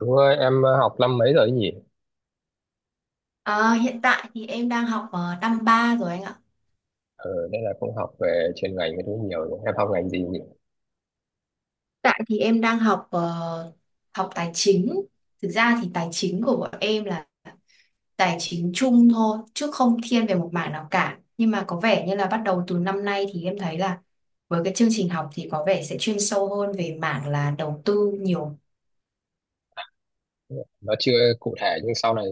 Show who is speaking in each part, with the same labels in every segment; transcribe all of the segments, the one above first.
Speaker 1: Đúng rồi, em học năm mấy rồi ấy nhỉ?
Speaker 2: Ờ, hiện tại thì em đang học năm 3 rồi anh ạ.
Speaker 1: Ờ, nên là cũng học về chuyên ngành cái thứ nhiều nhỉ? Em học ngành gì nhỉ?
Speaker 2: Tại thì em đang học tài chính. Thực ra thì tài chính của bọn em là tài chính chung thôi, chứ không thiên về một mảng nào cả. Nhưng mà có vẻ như là bắt đầu từ năm nay thì em thấy là với cái chương trình học thì có vẻ sẽ chuyên sâu hơn về mảng là đầu tư nhiều.
Speaker 1: Nó chưa cụ thể nhưng sau này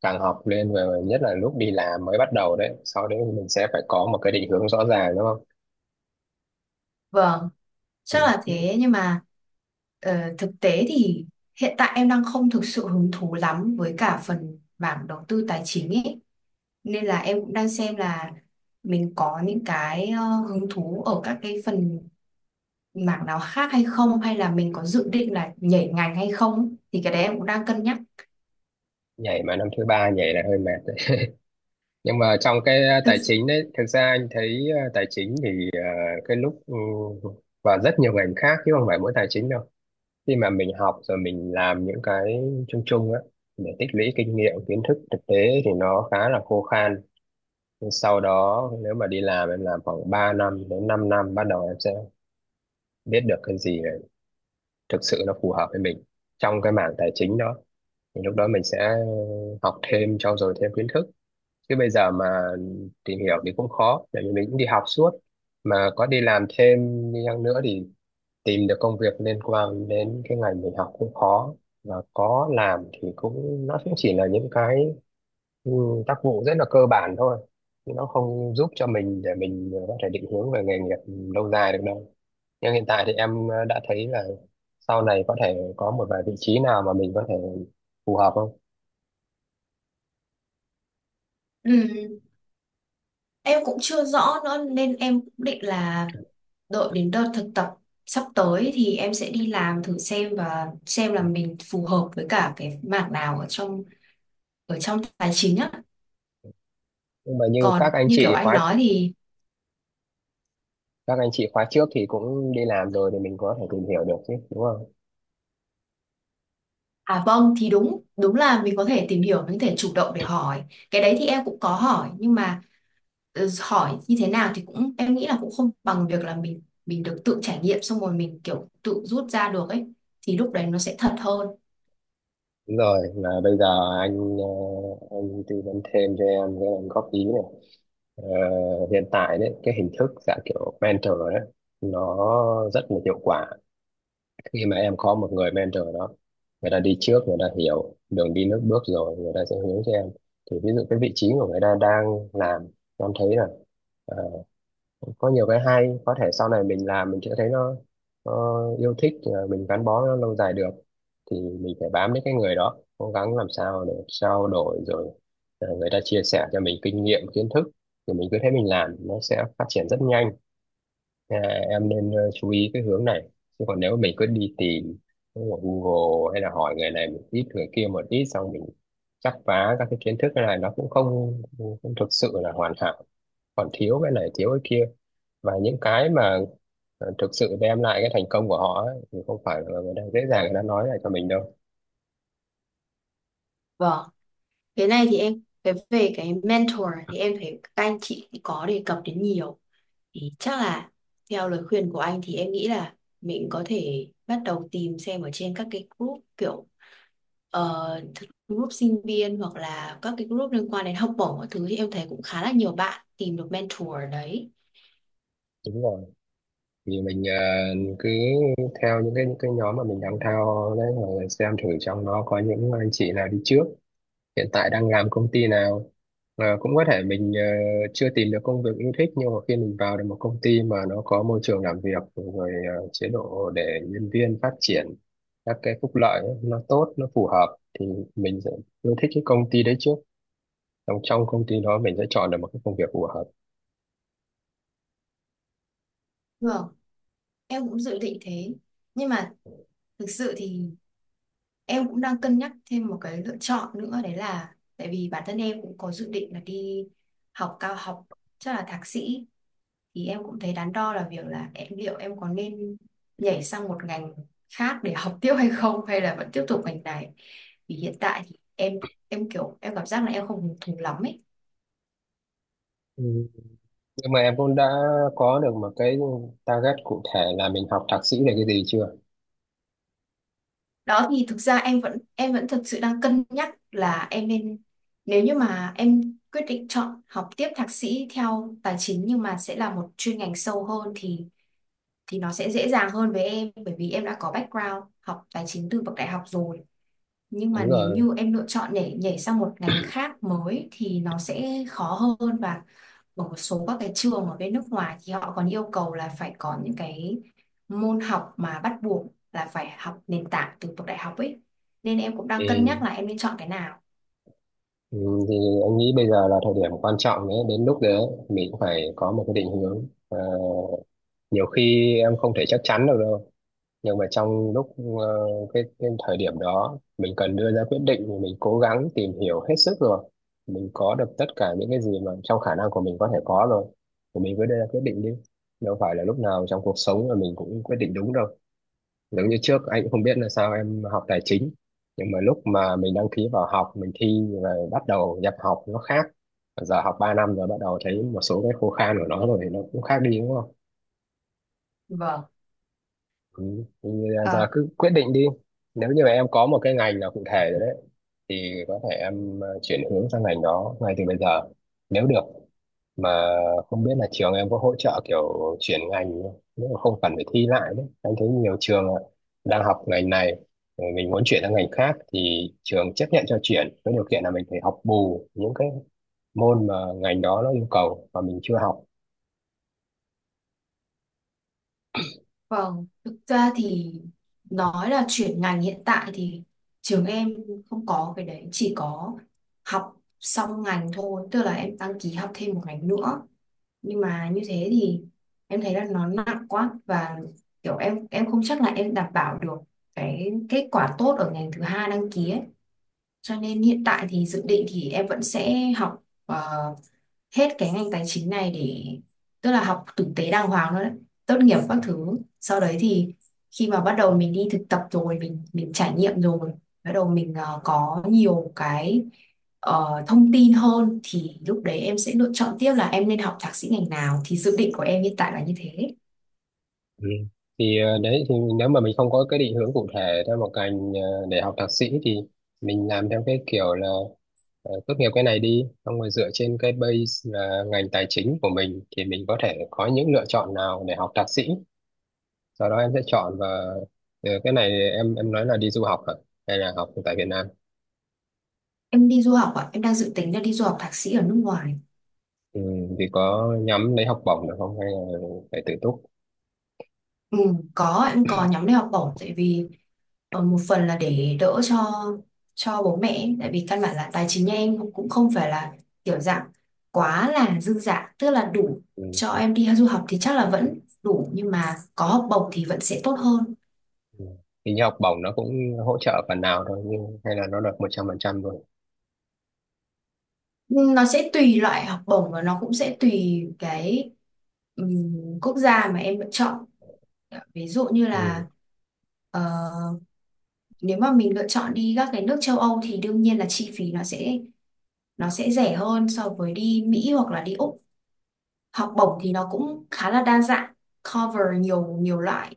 Speaker 1: càng học lên, về nhất là lúc đi làm mới bắt đầu đấy. Sau đấy thì mình sẽ phải có một cái định hướng rõ ràng đúng không?
Speaker 2: Vâng, chắc là
Speaker 1: Ừ.
Speaker 2: thế nhưng mà thực tế thì hiện tại em đang không thực sự hứng thú lắm với cả phần mảng đầu tư tài chính ấy. Nên là em cũng đang xem là mình có những cái hứng thú ở các cái phần mảng nào khác hay không, hay là mình có dự định là nhảy ngành hay không, thì cái đấy em cũng đang cân nhắc.
Speaker 1: Nhảy mà năm thứ ba nhảy là hơi mệt đấy. Nhưng mà trong cái
Speaker 2: Thực
Speaker 1: tài chính đấy, thực ra anh thấy tài chính thì cái lúc ừ, và rất nhiều ngành khác chứ không phải mỗi tài chính đâu. Khi mà mình học rồi mình làm những cái chung chung á để tích lũy kinh nghiệm kiến thức thực tế thì nó khá là khô khan. Nhưng sau đó nếu mà đi làm, em làm khoảng 3 năm đến 5 năm, bắt đầu em sẽ biết được cái gì là thực sự nó phù hợp với mình, trong cái mảng tài chính đó thì lúc đó mình sẽ học thêm, trau dồi thêm kiến thức. Chứ bây giờ mà tìm hiểu thì cũng khó, tại vì mình cũng đi học suốt, mà có đi làm thêm đi chăng nữa thì tìm được công việc liên quan đến cái ngành mình học cũng khó, và có làm thì cũng, nó cũng chỉ là những cái ừ, tác vụ rất là cơ bản thôi, chứ nó không giúp cho mình để mình có thể định hướng về nghề nghiệp lâu dài được đâu. Nhưng hiện tại thì em đã thấy là sau này có thể có một vài vị trí nào mà mình có thể phù hợp không.
Speaker 2: ừ, em cũng chưa rõ nữa nên em cũng định là đợi đến đợt thực tập sắp tới thì em sẽ đi làm thử xem, và xem là mình phù hợp với cả cái mảng nào ở trong tài chính á.
Speaker 1: Nhưng mà như các
Speaker 2: Còn
Speaker 1: anh
Speaker 2: như kiểu
Speaker 1: chị
Speaker 2: anh
Speaker 1: khóa,
Speaker 2: nói thì,
Speaker 1: các anh chị khóa trước thì cũng đi làm rồi thì mình có thể tìm hiểu được chứ đúng không?
Speaker 2: à vâng, thì đúng đúng là mình có thể tìm hiểu, mình có thể chủ động để hỏi. Cái đấy thì em cũng có hỏi nhưng mà hỏi như thế nào thì cũng em nghĩ là cũng không bằng việc là mình được tự trải nghiệm xong rồi mình kiểu tự rút ra được ấy, thì lúc đấy nó sẽ thật hơn.
Speaker 1: Đúng rồi, mà bây giờ anh anh tư vấn thêm cho em, cái em góp ý này. Ờ, hiện tại đấy cái hình thức dạng kiểu mentor đấy nó rất là hiệu quả. Khi mà em có một người mentor đó, người ta đi trước, người ta hiểu đường đi nước bước rồi, người ta sẽ hướng cho em. Thì ví dụ cái vị trí của người ta đang làm em thấy là ờ, có nhiều cái hay, có thể sau này mình làm mình sẽ thấy nó yêu thích, mình gắn bó nó lâu dài được, thì mình phải bám đến cái người đó, cố gắng làm sao để trao đổi rồi người ta chia sẻ cho mình kinh nghiệm kiến thức, thì mình cứ thế mình làm, nó sẽ phát triển rất nhanh. À, em nên chú ý cái hướng này. Chứ còn nếu mình cứ đi tìm ở Google hay là hỏi người này một ít, người kia một ít, xong mình chắp vá các cái kiến thức, này nó cũng không thực sự là hoàn hảo, còn thiếu cái này thiếu cái kia. Và những cái mà thực sự đem lại cái thành công của họ ấy, thì không phải là người ta dễ dàng người ta nói lại cho mình đâu.
Speaker 2: Vâng. Cái này thì em về cái mentor thì em thấy các anh chị thì có đề cập đến nhiều. Thì chắc là theo lời khuyên của anh thì em nghĩ là mình có thể bắt đầu tìm xem ở trên các cái group kiểu ờ, group sinh viên hoặc là các cái group liên quan đến học bổng các thứ, thì em thấy cũng khá là nhiều bạn tìm được mentor ở đấy.
Speaker 1: Đúng rồi, vì mình cứ theo những cái nhóm mà mình đang theo đấy, rồi xem thử trong nó có những anh chị nào đi trước hiện tại đang làm công ty nào. Ờ, cũng có thể mình chưa tìm được công việc yêu thích, nhưng mà khi mình vào được một công ty mà nó có môi trường làm việc rồi, chế độ để nhân viên phát triển, các cái phúc lợi ấy, nó tốt nó phù hợp, thì mình sẽ yêu thích cái công ty đấy trước, trong trong công ty đó mình sẽ chọn được một cái công việc phù hợp.
Speaker 2: Vâng, em cũng dự định thế. Nhưng mà thực sự thì em cũng đang cân nhắc thêm một cái lựa chọn nữa, đấy là tại vì bản thân em cũng có dự định là đi học cao học, chắc là thạc sĩ, thì em cũng thấy đắn đo là việc là em liệu em có nên nhảy sang một ngành khác để học tiếp hay không, hay là vẫn tiếp tục ngành này. Vì hiện tại thì em kiểu em cảm giác là em không hứng thú lắm ấy.
Speaker 1: Ừ, nhưng mà em cũng đã có được một cái target cụ thể là mình học thạc sĩ là cái gì chưa?
Speaker 2: Đó thì thực ra em vẫn thực sự đang cân nhắc là em nên, nếu như mà em quyết định chọn học tiếp thạc sĩ theo tài chính nhưng mà sẽ là một chuyên ngành sâu hơn, thì nó sẽ dễ dàng hơn với em bởi vì em đã có background học tài chính từ bậc đại học rồi. Nhưng mà
Speaker 1: Đúng
Speaker 2: nếu
Speaker 1: rồi.
Speaker 2: như em lựa chọn để nhảy sang một ngành khác mới thì nó sẽ khó hơn, và ở một số các cái trường ở bên nước ngoài thì họ còn yêu cầu là phải có những cái môn học mà bắt buộc là phải học nền tảng từ bậc đại học ấy. Nên em cũng đang cân nhắc
Speaker 1: Ừ.
Speaker 2: là em nên chọn cái nào.
Speaker 1: Ừ, thì anh nghĩ bây giờ là thời điểm quan trọng đấy, đến lúc đấy mình cũng phải có một cái định hướng. Ờ, nhiều khi em không thể chắc chắn được đâu, nhưng mà trong lúc ờ, cái thời điểm đó mình cần đưa ra quyết định, thì mình cố gắng tìm hiểu hết sức rồi, mình có được tất cả những cái gì mà trong khả năng của mình có thể có rồi, thì mình cứ đưa ra quyết định đi. Đâu phải là lúc nào trong cuộc sống là mình cũng quyết định đúng đâu. Giống như trước anh cũng không biết là sao em học tài chính, nhưng mà lúc mà mình đăng ký vào học, mình thi rồi bắt đầu nhập học nó khác, giờ học 3 năm rồi bắt đầu thấy một số cái khô khan của nó rồi thì nó cũng khác đi đúng không?
Speaker 2: Vâng.
Speaker 1: Ừ. Thì giờ
Speaker 2: Ờ.
Speaker 1: cứ quyết định đi, nếu như mà em có một cái ngành nào cụ thể rồi đấy thì có thể em chuyển hướng sang ngành đó ngay từ bây giờ nếu được. Mà không biết là trường em có hỗ trợ kiểu chuyển ngành không? Nếu mà không cần phải thi lại đấy, anh thấy nhiều trường ạ, đang học ngành này rồi mình muốn chuyển sang ngành khác thì trường chấp nhận cho chuyển, với điều kiện là mình phải học bù những cái môn mà ngành đó nó yêu cầu mà mình chưa học.
Speaker 2: Vâng, thực ra thì nói là chuyển ngành, hiện tại thì trường em không có cái đấy, chỉ có học xong ngành thôi, tức là em đăng ký học thêm một ngành nữa. Nhưng mà như thế thì em thấy là nó nặng quá, và kiểu em không chắc là em đảm bảo được cái kết quả tốt ở ngành thứ hai đăng ký ấy. Cho nên hiện tại thì dự định thì em vẫn sẽ học hết cái ngành tài chính này để, tức là học tử tế đàng hoàng thôi đấy, tốt nghiệp các thứ, sau đấy thì khi mà bắt đầu mình đi thực tập rồi mình trải nghiệm rồi, bắt đầu mình có nhiều cái thông tin hơn thì lúc đấy em sẽ lựa chọn tiếp là em nên học thạc sĩ ngành nào, thì dự định của em hiện tại là như thế.
Speaker 1: Ừ. Thì đấy, thì nếu mà mình không có cái định hướng cụ thể theo một ngành để học thạc sĩ, thì mình làm theo cái kiểu là tốt nghiệp cái này đi xong rồi dựa trên cái base là ngành tài chính của mình, thì mình có thể có những lựa chọn nào để học thạc sĩ, sau đó em sẽ chọn. Và cái này em nói là đi du học hả, hay là học tại Việt Nam?
Speaker 2: Em đi du học ạ, em đang dự tính là đi du học thạc sĩ ở nước ngoài.
Speaker 1: Ừ, thì có nhắm lấy học bổng được không, hay là phải tự túc?
Speaker 2: Ừ, em có nhóm đi học bổng, tại vì một phần là để đỡ cho bố mẹ ấy. Tại vì căn bản là tài chính nhà em cũng không phải là kiểu dạng quá là dư dả, tức là đủ
Speaker 1: Ừ.
Speaker 2: cho em đi du học thì chắc là vẫn đủ nhưng mà có học bổng thì vẫn sẽ tốt hơn.
Speaker 1: Ừ. Hình như học bổng nó cũng hỗ trợ phần nào thôi, nhưng hay là nó được 100%?
Speaker 2: Ừ, nó sẽ tùy loại học bổng và nó cũng sẽ tùy cái quốc gia mà em lựa chọn, ví dụ như là
Speaker 1: Rồi.
Speaker 2: ờ, nếu mà mình lựa chọn đi các cái nước châu Âu thì đương nhiên là chi phí nó sẽ rẻ hơn so với đi Mỹ hoặc là đi Úc. Học bổng thì nó cũng khá là đa dạng, cover nhiều nhiều loại.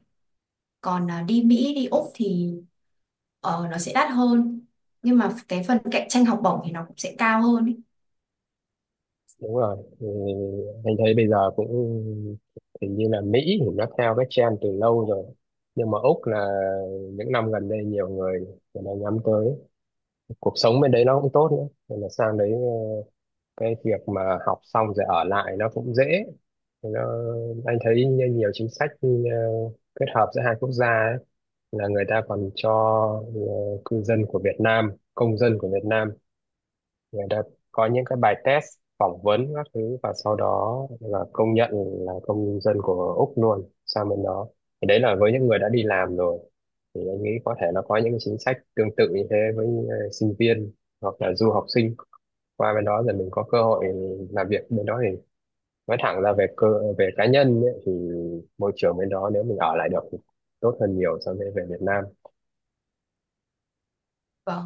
Speaker 2: Còn à, đi Mỹ đi Úc thì nó sẽ đắt hơn nhưng mà cái phần cạnh tranh học bổng thì nó cũng sẽ cao hơn ấy.
Speaker 1: Đúng rồi, thì anh thấy bây giờ cũng hình như là Mỹ thì nó theo cái trend từ lâu rồi, nhưng mà Úc là những năm gần đây nhiều người, người ta nhắm tới, cuộc sống bên đấy nó cũng tốt nữa, nên là sang đấy cái việc mà học xong rồi ở lại nó cũng dễ. Thì anh thấy như nhiều chính sách kết hợp giữa hai quốc gia ấy, là người ta còn cho ờ, cư dân của Việt Nam, công dân của Việt Nam, người ta có những cái bài test, phỏng vấn các thứ, và sau đó là công nhận là công dân của Úc luôn sang bên đó. Thì đấy là với những người đã đi làm rồi, thì anh nghĩ có thể nó có những cái chính sách tương tự như thế với sinh viên hoặc là du học sinh, qua bên đó rồi mình có cơ hội làm việc bên đó, thì nói thẳng là về về cá nhân ấy, thì môi trường bên đó nếu mình ở lại được thì tốt hơn nhiều so với về Việt Nam.
Speaker 2: Vâng,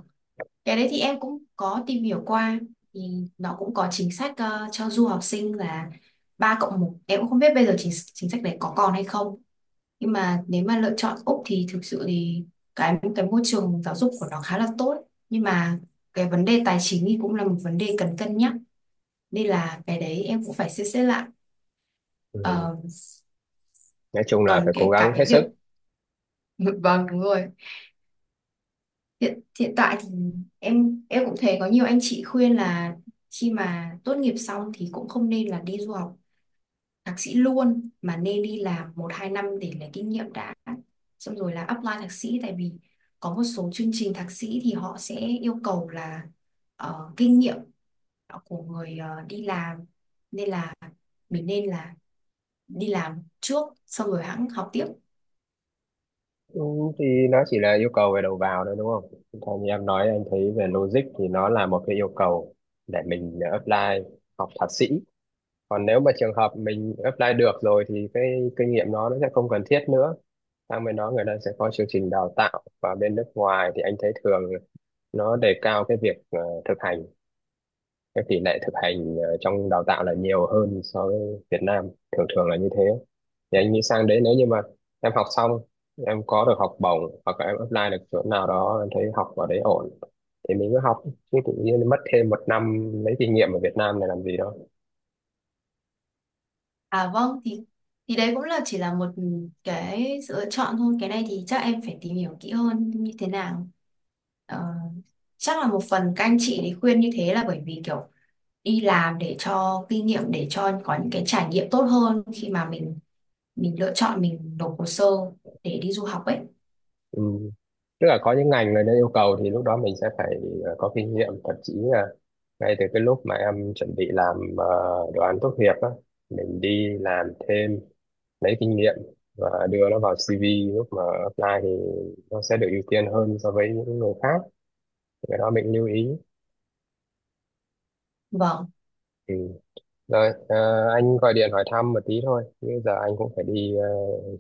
Speaker 2: cái đấy thì em cũng có tìm hiểu qua, thì nó cũng có chính sách cho du học sinh là 3+1, em cũng không biết bây giờ chính chính sách đấy có còn hay không. Nhưng mà nếu mà lựa chọn Úc thì thực sự thì cái môi trường giáo dục của nó khá là tốt, nhưng mà cái vấn đề tài chính thì cũng là một vấn đề cần cân nhắc, nên là cái đấy em cũng phải xem xét lại.
Speaker 1: Ừ.
Speaker 2: Ờ,
Speaker 1: Nói chung là
Speaker 2: còn
Speaker 1: phải cố
Speaker 2: cái
Speaker 1: gắng
Speaker 2: cả
Speaker 1: hết
Speaker 2: cái việc
Speaker 1: sức.
Speaker 2: vâng, đúng rồi. Hiện hiện tại thì em cũng thấy có nhiều anh chị khuyên là khi mà tốt nghiệp xong thì cũng không nên là đi du học thạc sĩ luôn mà nên đi làm một hai năm để lấy kinh nghiệm đã, xong rồi là apply thạc sĩ, tại vì có một số chương trình thạc sĩ thì họ sẽ yêu cầu là kinh nghiệm của người đi làm, nên là mình nên là đi làm trước xong rồi hãng học tiếp.
Speaker 1: Ừ, thì nó chỉ là yêu cầu về đầu vào thôi đúng không? Còn như em nói, anh thấy về logic thì nó là một cái yêu cầu để mình apply học thạc sĩ. Còn nếu mà trường hợp mình apply được rồi thì cái kinh nghiệm nó sẽ không cần thiết nữa. Sang bên đó người ta sẽ có chương trình đào tạo, và bên nước ngoài thì anh thấy thường nó đề cao cái việc thực hành, các tỷ lệ thực hành trong đào tạo là nhiều hơn so với Việt Nam, thường thường là như thế. Thì anh nghĩ sang đấy nếu như mà em học xong, em có được học bổng hoặc là em apply được chỗ nào đó em thấy học ở đấy ổn thì mình cứ học. Chứ tự nhiên mất thêm 1 năm lấy kinh nghiệm ở Việt Nam này làm gì đâu.
Speaker 2: À vâng, thì đấy cũng là chỉ là một cái sự lựa chọn thôi. Cái này thì chắc em phải tìm hiểu kỹ hơn như thế nào. Ờ, chắc là một phần các anh chị thì khuyên như thế là bởi vì kiểu đi làm để cho kinh nghiệm, để cho có những cái trải nghiệm tốt hơn khi mà mình lựa chọn mình nộp hồ sơ để đi du học ấy.
Speaker 1: Ừ. Tức là có những ngành người ta yêu cầu, thì lúc đó mình sẽ phải có kinh nghiệm, thậm chí là ngay từ cái lúc mà em chuẩn bị làm đồ án tốt nghiệp á, mình đi làm thêm lấy kinh nghiệm và đưa nó vào CV, lúc mà apply thì nó sẽ được ưu tiên hơn so với những người khác, cái đó mình lưu ý.
Speaker 2: Vâng,
Speaker 1: Ừ. Rồi anh gọi điện hỏi thăm một tí thôi, bây giờ anh cũng phải đi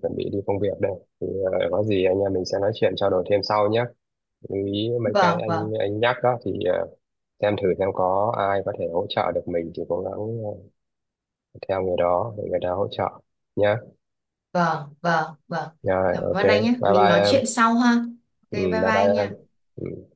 Speaker 1: chuẩn bị đi công việc đây. Thì có gì anh em mình sẽ nói chuyện trao đổi thêm sau nhé. Lưu ý mấy cái
Speaker 2: vâng, vâng,
Speaker 1: anh nhắc đó thì xem thử xem có ai có thể hỗ trợ được mình thì cố gắng theo người đó để người ta hỗ trợ nhé.
Speaker 2: vâng, vâng, vâng.
Speaker 1: Rồi,
Speaker 2: Cảm
Speaker 1: ok,
Speaker 2: ơn anh nhé.
Speaker 1: bye
Speaker 2: Mình
Speaker 1: bye
Speaker 2: nói
Speaker 1: em.
Speaker 2: chuyện sau ha. Ok,
Speaker 1: Ừ,
Speaker 2: bye bye
Speaker 1: bye bye
Speaker 2: anh
Speaker 1: em.
Speaker 2: nha.
Speaker 1: Ừ.